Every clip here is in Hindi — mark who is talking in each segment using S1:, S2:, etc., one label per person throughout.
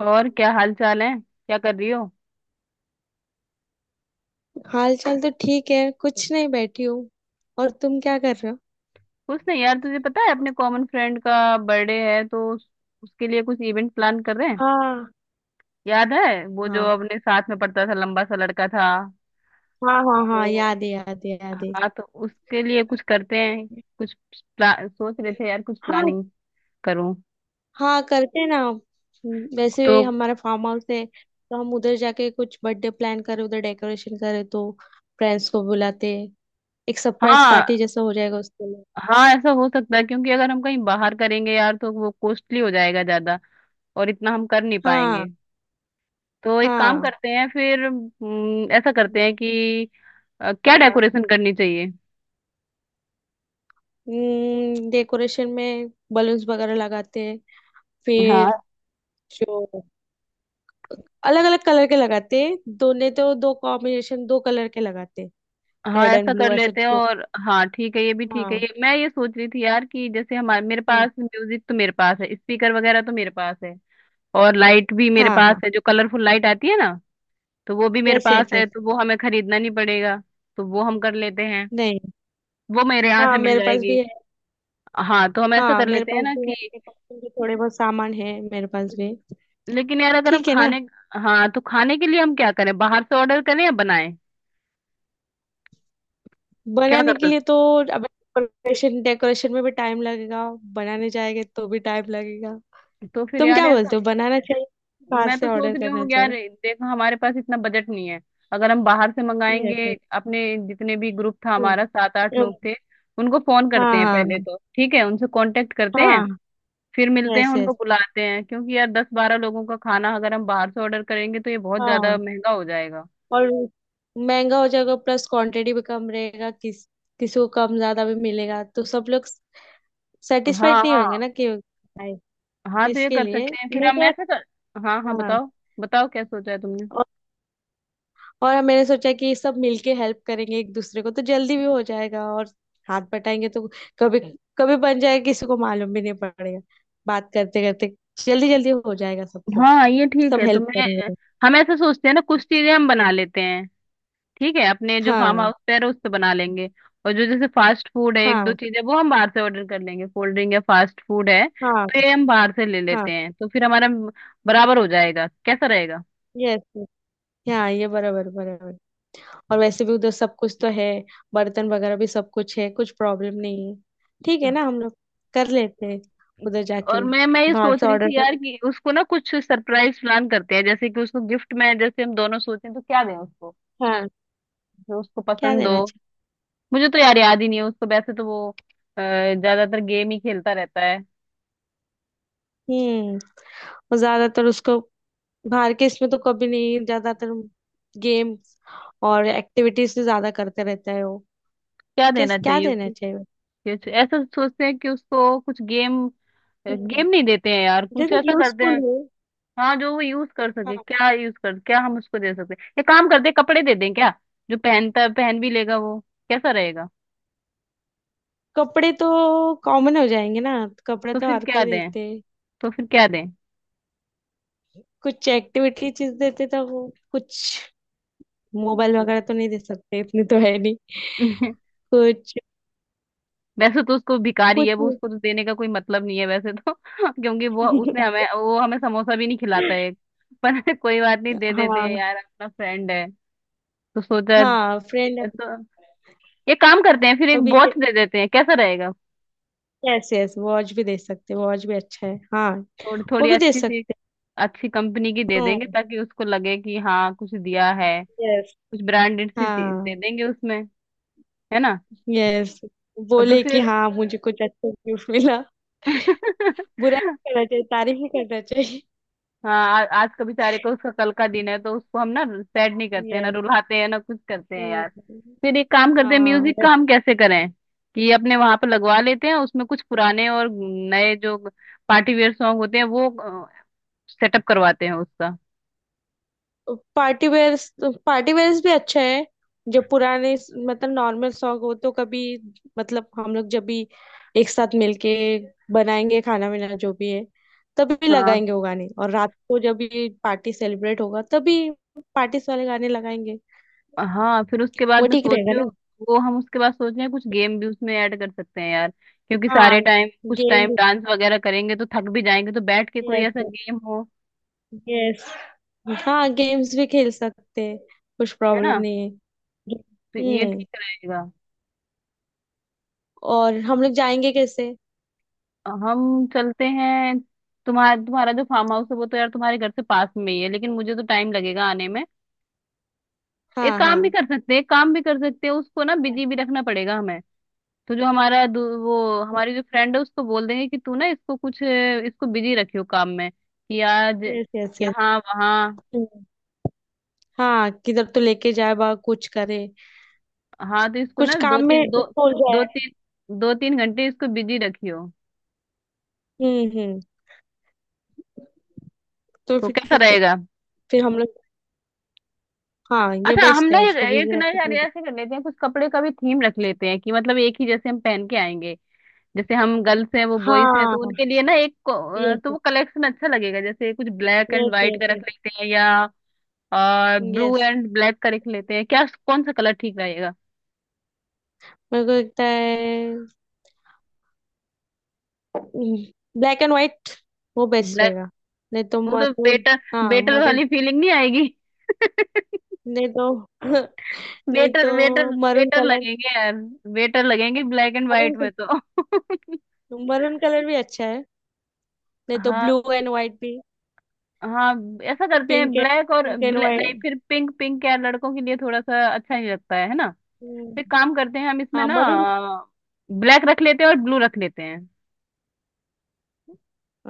S1: और क्या हाल चाल है, क्या कर रही हो।
S2: हाल चाल तो ठीक है, कुछ नहीं, बैठी हूँ। और तुम क्या कर रहे हो?
S1: कुछ नहीं यार, तुझे पता है अपने कॉमन फ्रेंड का बर्थडे है, तो उसके लिए कुछ इवेंट प्लान कर रहे हैं।
S2: हाँ,
S1: याद है वो जो
S2: हाँ,
S1: अपने साथ में पढ़ता था, लंबा सा लड़का था।
S2: हाँ, हाँ, हाँ,
S1: तो
S2: याद है, याद है, याद है।
S1: हाँ, तो उसके लिए कुछ करते हैं। कुछ सोच रहे थे यार कुछ
S2: हाँ।
S1: प्लानिंग करूं।
S2: हाँ, करते हैं ना। वैसे
S1: तो
S2: भी हमारा फार्म हाउस है, तो हम उधर जाके कुछ बर्थडे प्लान करें, उधर डेकोरेशन करें, तो फ्रेंड्स को बुलाते हैं। एक सरप्राइज
S1: हाँ
S2: पार्टी जैसा हो जाएगा उसके लिए।
S1: हाँ, ऐसा हो सकता है, क्योंकि अगर हम कहीं बाहर करेंगे यार, तो वो कॉस्टली हो जाएगा ज्यादा, और इतना हम कर नहीं पाएंगे।
S2: हाँ।
S1: तो एक काम
S2: हाँ।
S1: करते हैं फिर, ऐसा करते हैं कि क्या
S2: हाँ।
S1: डेकोरेशन करनी चाहिए।
S2: डेकोरेशन में बलून्स वगैरह लगाते हैं। फिर
S1: हाँ
S2: जो अलग अलग कलर के लगाते हैं, दोनों, तो दो कॉम्बिनेशन, दो कलर के लगाते हैं,
S1: हाँ,
S2: रेड
S1: ऐसा
S2: एंड
S1: कर
S2: ब्लू, ऐसे
S1: लेते हैं।
S2: जो।
S1: और हाँ ठीक है, ये भी ठीक है।
S2: हाँ।
S1: ये मैं ये सोच रही थी यार कि जैसे हमारे मेरे
S2: हम्म।
S1: पास म्यूजिक तो मेरे पास है, स्पीकर वगैरह तो मेरे पास है, और लाइट भी मेरे
S2: हाँ,
S1: पास
S2: हाँ।
S1: है, जो कलरफुल लाइट आती है ना, तो वो भी मेरे
S2: यस,
S1: पास
S2: यस,
S1: है।
S2: यस।
S1: तो वो हमें खरीदना नहीं पड़ेगा, तो वो हम कर लेते हैं।
S2: नहीं।
S1: वो मेरे यहाँ से
S2: हाँ,
S1: मिल
S2: मेरे पास
S1: जाएगी।
S2: भी है।
S1: हाँ तो हम ऐसा
S2: हाँ,
S1: कर
S2: मेरे
S1: लेते हैं
S2: पास
S1: ना
S2: भी है,
S1: कि,
S2: मेरे पास भी थोड़े बहुत सामान है मेरे पास भी।
S1: लेकिन यार अगर हम
S2: ठीक है ना।
S1: खाने, हाँ, तो खाने के लिए हम क्या करें, बाहर से ऑर्डर करें या बनाएं, क्या कर
S2: बनाने के
S1: सकते।
S2: लिए तो, अब डेकोरेशन, डेकोरेशन में भी टाइम लगेगा, बनाने जाएंगे तो भी टाइम लगेगा।
S1: तो फिर
S2: तुम
S1: यार
S2: क्या बोलते
S1: ऐसा,
S2: हो, बनाना चाहिए बाहर
S1: मैं
S2: से
S1: तो सोच
S2: ऑर्डर
S1: रही
S2: करना
S1: हूँ यार,
S2: चाहिए?
S1: देखो हमारे पास इतना बजट नहीं है। अगर हम बाहर से मंगाएंगे,
S2: यस।
S1: अपने जितने भी ग्रुप था
S2: यस।
S1: हमारा, 7-8 लोग थे, उनको फोन
S2: हाँ,
S1: करते हैं
S2: हाँ।
S1: पहले। तो ठीक है, उनसे कांटेक्ट करते हैं,
S2: हाँ।
S1: फिर मिलते हैं,
S2: यस,
S1: उनको
S2: यस।
S1: बुलाते हैं, क्योंकि यार 10-12 लोगों का खाना अगर हम बाहर से ऑर्डर करेंगे तो ये बहुत
S2: हाँ,
S1: ज्यादा
S2: yes, yes, हाँ।
S1: महंगा हो जाएगा।
S2: और महंगा हो जाएगा, प्लस क्वांटिटी भी कम रहेगा। किसी को कम ज्यादा भी मिलेगा तो सब लोग
S1: हाँ
S2: सेटिस्फाइड नहीं
S1: हाँ
S2: होंगे ना, कि आए।
S1: हाँ, तो ये
S2: इसके
S1: कर
S2: लिए
S1: सकते हैं फिर
S2: मेरे
S1: हम,
S2: को।
S1: ऐसे कर। हाँ हाँ,
S2: हाँ।
S1: बताओ, बताओ क्या सोचा है तुमने।
S2: और, और मैंने सोचा कि सब मिलके हेल्प करेंगे एक दूसरे को, तो जल्दी भी हो जाएगा, और हाथ बटाएंगे तो कभी कभी बन जाएगा, किसी को मालूम भी नहीं पड़ेगा। बात करते करते जल्दी जल्दी हो जाएगा सब कुछ।
S1: हाँ ये ठीक
S2: सब
S1: है, तो
S2: हेल्प
S1: मैं,
S2: करेंगे।
S1: हम ऐसे सोचते हैं ना, कुछ चीजें हम बना लेते हैं। ठीक है, अपने जो फार्म
S2: हाँ।
S1: हाउस पे है उस पे बना लेंगे, और जो जैसे फास्ट फूड है, एक दो
S2: हाँ।
S1: चीजें, वो हम बाहर से ऑर्डर कर लेंगे। कोल्ड ड्रिंक या फास्ट फूड है
S2: हाँ।
S1: तो ये हम बाहर से ले
S2: हाँ।
S1: लेते हैं, तो फिर हमारा बराबर हो जाएगा, कैसा रहेगा।
S2: यस। हाँ, ये बराबर बराबर। और वैसे भी उधर सब कुछ तो है, बर्तन वगैरह भी सब कुछ है, कुछ प्रॉब्लम नहीं है। ठीक है ना, हम लोग कर लेते हैं उधर
S1: और
S2: जाके।
S1: मैं ये
S2: बाहर
S1: सोच
S2: से
S1: रही
S2: ऑर्डर
S1: थी यार
S2: कर।
S1: कि उसको ना कुछ सरप्राइज प्लान करते हैं। जैसे कि उसको गिफ्ट में, जैसे हम दोनों सोचें, तो क्या दें उसको,
S2: हाँ।
S1: जो उसको
S2: क्या
S1: पसंद
S2: देना
S1: हो। मुझे तो यार याद ही नहीं है उसको। वैसे तो वो ज्यादातर गेम ही खेलता रहता है।
S2: चाहिए? और ज्यादातर उसको बाहर के इसमें तो कभी नहीं, ज्यादातर गेम्स और एक्टिविटीज से ज्यादा करते रहता है वो।
S1: क्या देना
S2: कैस क्या
S1: चाहिए
S2: देना
S1: उसको।
S2: चाहिए?
S1: कुछ ऐसा सोचते हैं कि उसको कुछ गेम,
S2: हम्म,
S1: गेम नहीं देते हैं यार, कुछ
S2: जैसे
S1: ऐसा करते
S2: यूजफुल
S1: हैं।
S2: हो।
S1: हाँ जो वो यूज कर सके,
S2: हाँ।
S1: क्या यूज कर, क्या हम उसको दे सकते हैं, ये काम करते हैं, कपड़े दे दें क्या, जो पहनता है पहन भी लेगा वो। कैसा रहेगा।
S2: कपड़े तो कॉमन हो जाएंगे ना, कपड़े
S1: तो
S2: तो
S1: फिर
S2: हर
S1: क्या
S2: कोई
S1: दें,
S2: देते हैं।
S1: तो फिर क्या दें।
S2: कुछ एक्टिविटी चीज देते तो वो कुछ, मोबाइल वगैरह तो नहीं दे सकते, इतनी तो है नहीं। कुछ।
S1: वैसे तो उसको, भिखारी है
S2: कुछ।
S1: वो, उसको तो देने का कोई मतलब नहीं है वैसे तो, क्योंकि वो उसने हमें वो हमें समोसा भी नहीं खिलाता है, पर कोई बात नहीं, दे देते हैं
S2: हाँ।
S1: यार, अपना फ्रेंड है, तो सोचा।
S2: हाँ, फ्रेंड।
S1: ये तो ये काम करते हैं फिर, एक
S2: अभी।
S1: वॉच दे देते हैं, कैसा रहेगा।
S2: यस, यस, वॉच भी दे सकते, वॉच भी अच्छा है, हाँ।
S1: थोड़ी
S2: वो
S1: थोड़ी
S2: भी दे
S1: अच्छी सी,
S2: सकते।
S1: अच्छी कंपनी की दे देंगे,
S2: हम्म।
S1: ताकि उसको लगे कि हाँ कुछ दिया है।
S2: यस।
S1: कुछ ब्रांडेड सी चीज
S2: हाँ।
S1: दे देंगे उसमें, है ना।
S2: यस।
S1: और तो
S2: बोले कि
S1: फिर
S2: हाँ, मुझे कुछ अच्छा गिफ्ट मिला। बुरा नहीं करना चाहिए, तारीफ ही करना चाहिए।
S1: हाँ, आज का बेचारे को, उसका कल का दिन है, तो उसको हम ना सैड नहीं करते हैं, ना
S2: यस।
S1: रुलाते हैं, ना कुछ करते हैं यार। फिर एक काम करते हैं,
S2: हाँ।
S1: म्यूजिक का हम कैसे करें, कि अपने वहां पर लगवा लेते हैं। उसमें कुछ पुराने और नए जो पार्टी वेयर सॉन्ग होते हैं, वो सेटअप करवाते हैं उसका।
S2: Party wear. पार्टी वेयर्स भी अच्छा है। जो पुराने, मतलब नॉर्मल सॉन्ग हो तो कभी, मतलब हम लोग जब भी एक साथ मिलके बनाएंगे खाना वाना जो भी है, तभी
S1: हाँ।
S2: लगाएंगे वो गाने, और रात को जब भी पार्टी सेलिब्रेट होगा तभी पार्टीज वाले गाने लगाएंगे।
S1: हाँ फिर उसके बाद
S2: वो
S1: मैं
S2: ठीक
S1: सोच
S2: रहेगा
S1: रही हूँ,
S2: ना?
S1: वो हम उसके बाद सोच रहे हैं, कुछ गेम भी उसमें ऐड कर सकते हैं यार, क्योंकि
S2: हाँ,
S1: सारे टाइम कुछ टाइम
S2: गेम।
S1: डांस वगैरह करेंगे तो थक भी जाएंगे, तो बैठ के कोई
S2: यस।
S1: ऐसा गेम हो।
S2: यस। हाँ, गेम्स भी खेल सकते हैं, कुछ
S1: है
S2: प्रॉब्लम
S1: ना,
S2: नहीं है।
S1: तो ये
S2: हम्म।
S1: ठीक रहेगा।
S2: और हम लोग जाएंगे कैसे?
S1: हम चलते हैं। तुम्हारा, तुम्हारा जो फार्म हाउस है वो तो यार तुम्हारे घर से पास में ही है, लेकिन मुझे तो टाइम लगेगा आने में। एक
S2: हाँ,
S1: काम भी
S2: हाँ।
S1: कर सकते हैं, एक काम भी कर सकते हैं, उसको ना बिजी भी रखना पड़ेगा हमें। तो जो हमारा वो हमारी जो फ्रेंड है, उसको बोल देंगे कि तू ना इसको कुछ, इसको बिजी रखियो काम में कि आज
S2: यस, यस, यस।
S1: यहाँ वहाँ।
S2: हाँ, किधर तो लेके जाए, बा कुछ करे,
S1: हाँ, तो इसको
S2: कुछ
S1: ना
S2: काम में उसको
S1: दो
S2: उलझाए।
S1: तीन दो तीन घंटे इसको बिजी रखियो।
S2: हम्म, हम्म। तो
S1: तो
S2: फिर
S1: कैसा
S2: ठीक है,
S1: रहेगा।
S2: फिर हम लोग। हाँ, ये
S1: अच्छा हम
S2: बेस्ट
S1: ना
S2: है,
S1: एक
S2: उसको
S1: एक
S2: बिजी
S1: ना
S2: रखे
S1: यार,
S2: तो।
S1: ऐसे कर लेते हैं, कुछ कपड़े का भी थीम रख लेते हैं, कि मतलब एक ही जैसे हम पहन के आएंगे। जैसे हम गर्ल्स हैं, वो बॉयज हैं, तो
S2: हाँ।
S1: उनके लिए ना एक तो
S2: यस,
S1: वो कलेक्शन अच्छा लगेगा। जैसे कुछ ब्लैक एंड
S2: यस,
S1: व्हाइट का
S2: यस।
S1: रख
S2: यस।
S1: लेते हैं, या और ब्लू
S2: यस,
S1: एंड ब्लैक का रख लेते हैं क्या, कौन सा कलर ठीक रहेगा।
S2: मेरे को लगता है ब्लैक एंड व्हाइट, वो बेस्ट
S1: ब्लैक,
S2: रहेगा। नहीं तो
S1: वो तो
S2: मरून।
S1: बेटर,
S2: हाँ,
S1: बेटर
S2: मरून।
S1: वाली फीलिंग नहीं आएगी।
S2: नहीं तो। नहीं
S1: बेटर
S2: तो
S1: बेटर
S2: मरून
S1: बेटर
S2: कलर।
S1: लगेंगे यार, बेटर लगेंगे ब्लैक एंड व्हाइट
S2: मरून।
S1: में तो।
S2: मरून कलर भी अच्छा है। नहीं तो
S1: हाँ
S2: ब्लू एंड व्हाइट भी।
S1: हाँ, ऐसा करते हैं,
S2: पिंक एंड
S1: ब्लैक और
S2: पिंक एंड
S1: ब्लैक
S2: व्हाइट।
S1: नहीं, फिर पिंक, पिंक यार लड़कों के लिए थोड़ा सा अच्छा नहीं लगता है ना। फिर
S2: हम्म।
S1: काम करते हैं हम इसमें
S2: हाँ,
S1: ना,
S2: मरून।
S1: ब्लैक रख लेते हैं और ब्लू रख लेते हैं,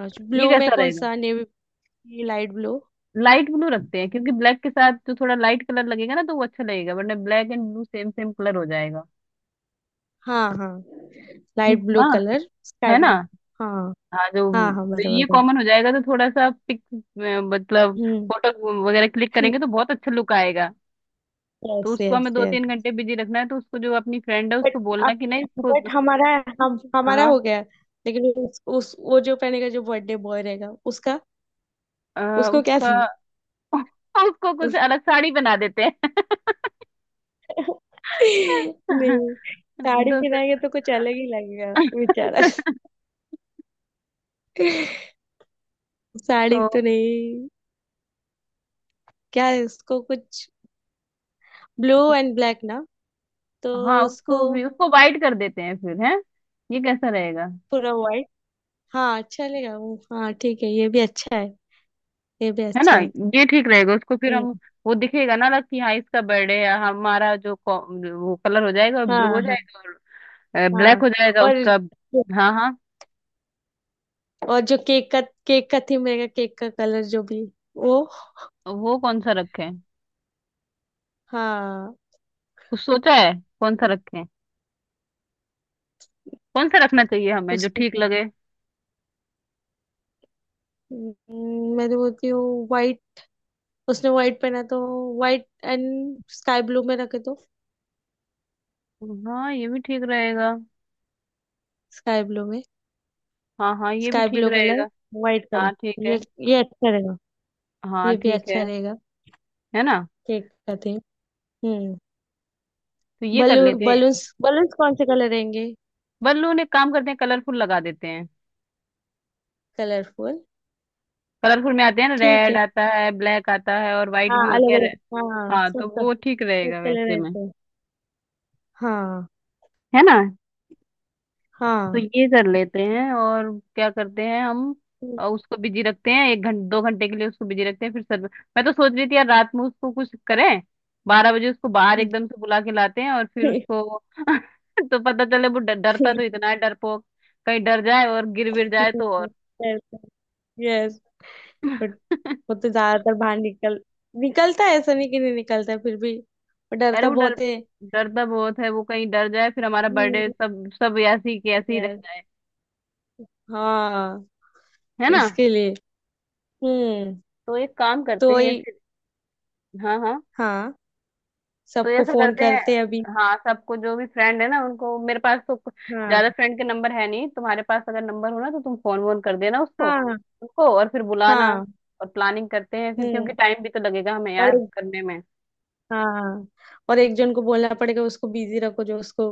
S2: अच्छा,
S1: ये
S2: ब्लू में
S1: कैसा
S2: कौन
S1: रहेगा।
S2: सा, navy, light blue?
S1: Light blue रखते हैं, क्योंकि ब्लैक के साथ जो थोड़ा लाइट कलर लगेगा ना, तो वो अच्छा लगेगा, वरना black and blue same same colour हो जाएगा।
S2: हाँ, हाँ।
S1: ठीक,
S2: लाइट ब्लू
S1: हाँ,
S2: कलर, स्काई
S1: है ना।
S2: ब्लू। हाँ,
S1: हाँ जो
S2: हाँ, हाँ,
S1: तो
S2: बराबर
S1: ये
S2: बराबर।
S1: कॉमन हो जाएगा, तो थोड़ा सा पिक, मतलब
S2: हम्म।
S1: फोटो वगैरह क्लिक करेंगे तो बहुत अच्छा लुक आएगा। तो
S2: यस,
S1: उसको
S2: यस,
S1: हमें दो
S2: यस।
S1: तीन घंटे बिजी रखना है, तो उसको जो अपनी फ्रेंड है
S2: बट
S1: उसको बोलना
S2: अब,
S1: कि नहीं इसको।
S2: बट हमारा, हम हमारा हो
S1: हाँ
S2: गया। लेकिन उस वो जो पहनेगा, जो बर्थडे बॉय रहेगा उसका, उसको क्या
S1: उसका,
S2: थी,
S1: उसको कुछ
S2: उसका।
S1: अलग साड़ी बना देते हैं।
S2: नहीं, साड़ी
S1: तो फिर
S2: पहनाएंगे तो कुछ अलग ही लगेगा, बेचारा।
S1: तो
S2: साड़ी तो नहीं। क्या है, उसको कुछ ब्लू एंड ब्लैक ना, तो
S1: हाँ
S2: उसको
S1: उसको भी, उसको वाइट कर देते हैं फिर, है ये कैसा रहेगा।
S2: पूरा व्हाइट। हाँ, चलेगा वो, हाँ ठीक है, ये भी अच्छा है, ये भी
S1: है ना,
S2: अच्छा है।
S1: ये ठीक रहेगा। उसको फिर हम,
S2: हम्म।
S1: वो दिखेगा ना अलग, कि हाँ इसका बर्थडे है, हमारा जो वो कलर हो जाएगा, ब्लू हो
S2: हाँ, हाँ।
S1: जाएगा और
S2: हाँ,
S1: ब्लैक हो जाएगा
S2: और
S1: उसका। हाँ हाँ,
S2: और जो केक का, केक का थीम रहेगा, केक का कलर जो भी वो।
S1: तो वो कौन सा रखें,
S2: हाँ।
S1: कुछ सोचा है, कौन सा रखें, कौन सा रखना चाहिए हमें,
S2: उस
S1: जो
S2: पे
S1: ठीक लगे।
S2: मैं तो बोलती हूँ व्हाइट, उसने व्हाइट पहना तो व्हाइट एंड स्काई ब्लू में रखे तो,
S1: हाँ ये भी ठीक रहेगा।
S2: स्काई ब्लू में,
S1: हाँ हाँ, ये भी
S2: स्काई
S1: ठीक
S2: ब्लू कलर,
S1: रहेगा।
S2: व्हाइट
S1: हाँ
S2: कलर,
S1: ठीक है।
S2: ये ये अच्छा रहेगा,
S1: हाँ
S2: ये भी
S1: ठीक
S2: अच्छा
S1: है
S2: रहेगा।
S1: है ना।
S2: केक का थीम। हम्म।
S1: तो ये कर लेते हैं।
S2: बलून्स कौन से कलर रहेंगे?
S1: बल्लू ने काम करते हैं, कलरफुल लगा देते हैं।
S2: कलरफुल।
S1: कलरफुल में आते हैं ना,
S2: ठीक
S1: रेड
S2: है।
S1: आता है, ब्लैक आता है, और वाइट
S2: हाँ,
S1: भी होते
S2: अलग
S1: हैं।
S2: अलग, हाँ
S1: हाँ,
S2: सब,
S1: तो
S2: तो
S1: वो ठीक
S2: सब
S1: रहेगा
S2: कलर
S1: वैसे में।
S2: रहते हैं। हाँ।
S1: है ना, तो
S2: हाँ।
S1: ये कर लेते हैं। और क्या करते हैं हम, उसको बिजी रखते हैं 1-2 घंटे के लिए, उसको बिजी रखते हैं फिर सर। मैं तो सोच रही थी यार, रात में उसको कुछ करें। 12 बजे उसको बाहर एकदम से बुला के लाते हैं, और फिर उसको। तो पता चले, वो डरता तो इतना है, डरपोक, कहीं डर जाए और गिर विर जाए तो, और
S2: यस। बट वो तो ज्यादातर बाहर निकलता है, ऐसा नहीं कि नहीं निकलता है, फिर भी वो
S1: अरे,
S2: डरता
S1: वो डर,
S2: बहुत है।
S1: डरता बहुत है, वो कहीं डर जाए, फिर हमारा बर्थडे सब सब ऐसी की ऐसी रह
S2: यस।
S1: जाए,
S2: हाँ।
S1: है ना।
S2: इसके लिए। हम्म।
S1: तो एक काम
S2: तो
S1: करते हैं
S2: वही।
S1: फिर। हाँ हाँ,
S2: हाँ,
S1: तो
S2: सबको
S1: ऐसा
S2: फोन
S1: करते हैं।
S2: करते हैं अभी।
S1: हाँ सबको, जो भी फ्रेंड है ना उनको, मेरे पास तो
S2: हाँ।
S1: ज्यादा फ्रेंड के नंबर है नहीं, तुम्हारे पास अगर नंबर हो ना तो तुम फोन वोन कर देना उसको,
S2: हाँ।
S1: उनको, और फिर बुलाना
S2: हाँ।
S1: और प्लानिंग करते हैं फिर, क्योंकि
S2: हम्म।
S1: टाइम भी तो लगेगा हमें यार
S2: और।
S1: करने में।
S2: हाँ, और एक जन को बोलना पड़ेगा, उसको बिजी रखो, जो उसको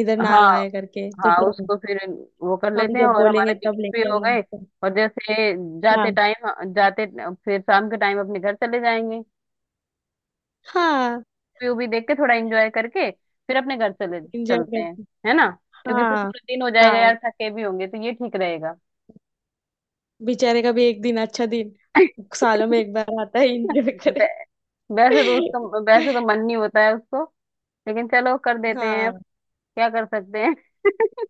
S2: इधर ना
S1: हाँ
S2: लाए करके, तो
S1: हाँ
S2: फिर
S1: उसको फिर, वो कर
S2: हम
S1: लेते हैं,
S2: जब
S1: और हमारे
S2: बोलेंगे
S1: गिफ्ट
S2: तब
S1: भी
S2: लेके
S1: हो
S2: आना
S1: गए।
S2: इसको।
S1: और जैसे जाते
S2: हाँ।
S1: टाइम, जाते, फिर शाम के टाइम अपने घर चले जाएंगे।
S2: हाँ,
S1: व्यू भी देख के, थोड़ा एंजॉय करके, फिर अपने घर चले
S2: एंजॉय
S1: चलते हैं,
S2: करते।
S1: है ना, क्योंकि फिर
S2: हाँ।
S1: पूरा दिन हो जाएगा
S2: हाँ,
S1: यार, थके भी होंगे, तो ये ठीक रहेगा।
S2: बेचारे का भी एक दिन, अच्छा दिन सालों में एक बार आता है, एंजॉय करे।
S1: वै- वैसे तो उसका, वैसे तो मन नहीं होता है उसको, लेकिन चलो कर देते हैं अब,
S2: हाँ।
S1: क्या कर सकते हैं।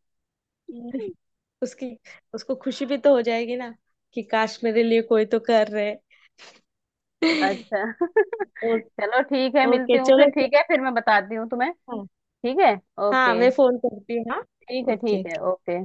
S2: उसकी उसको खुशी भी तो हो जाएगी ना, कि काश मेरे लिए कोई तो कर रहे।
S1: अच्छा।
S2: ओ,
S1: चलो ठीक है, मिलती
S2: ओके
S1: हूँ फिर,
S2: चलो फिर।
S1: ठीक है, फिर मैं बताती हूँ तुम्हें।
S2: हाँ।
S1: ठीक है,
S2: हाँ,
S1: ओके।
S2: मैं फोन करती हूँ, हाँ।
S1: ठीक है ठीक
S2: ओके।
S1: है, ओके।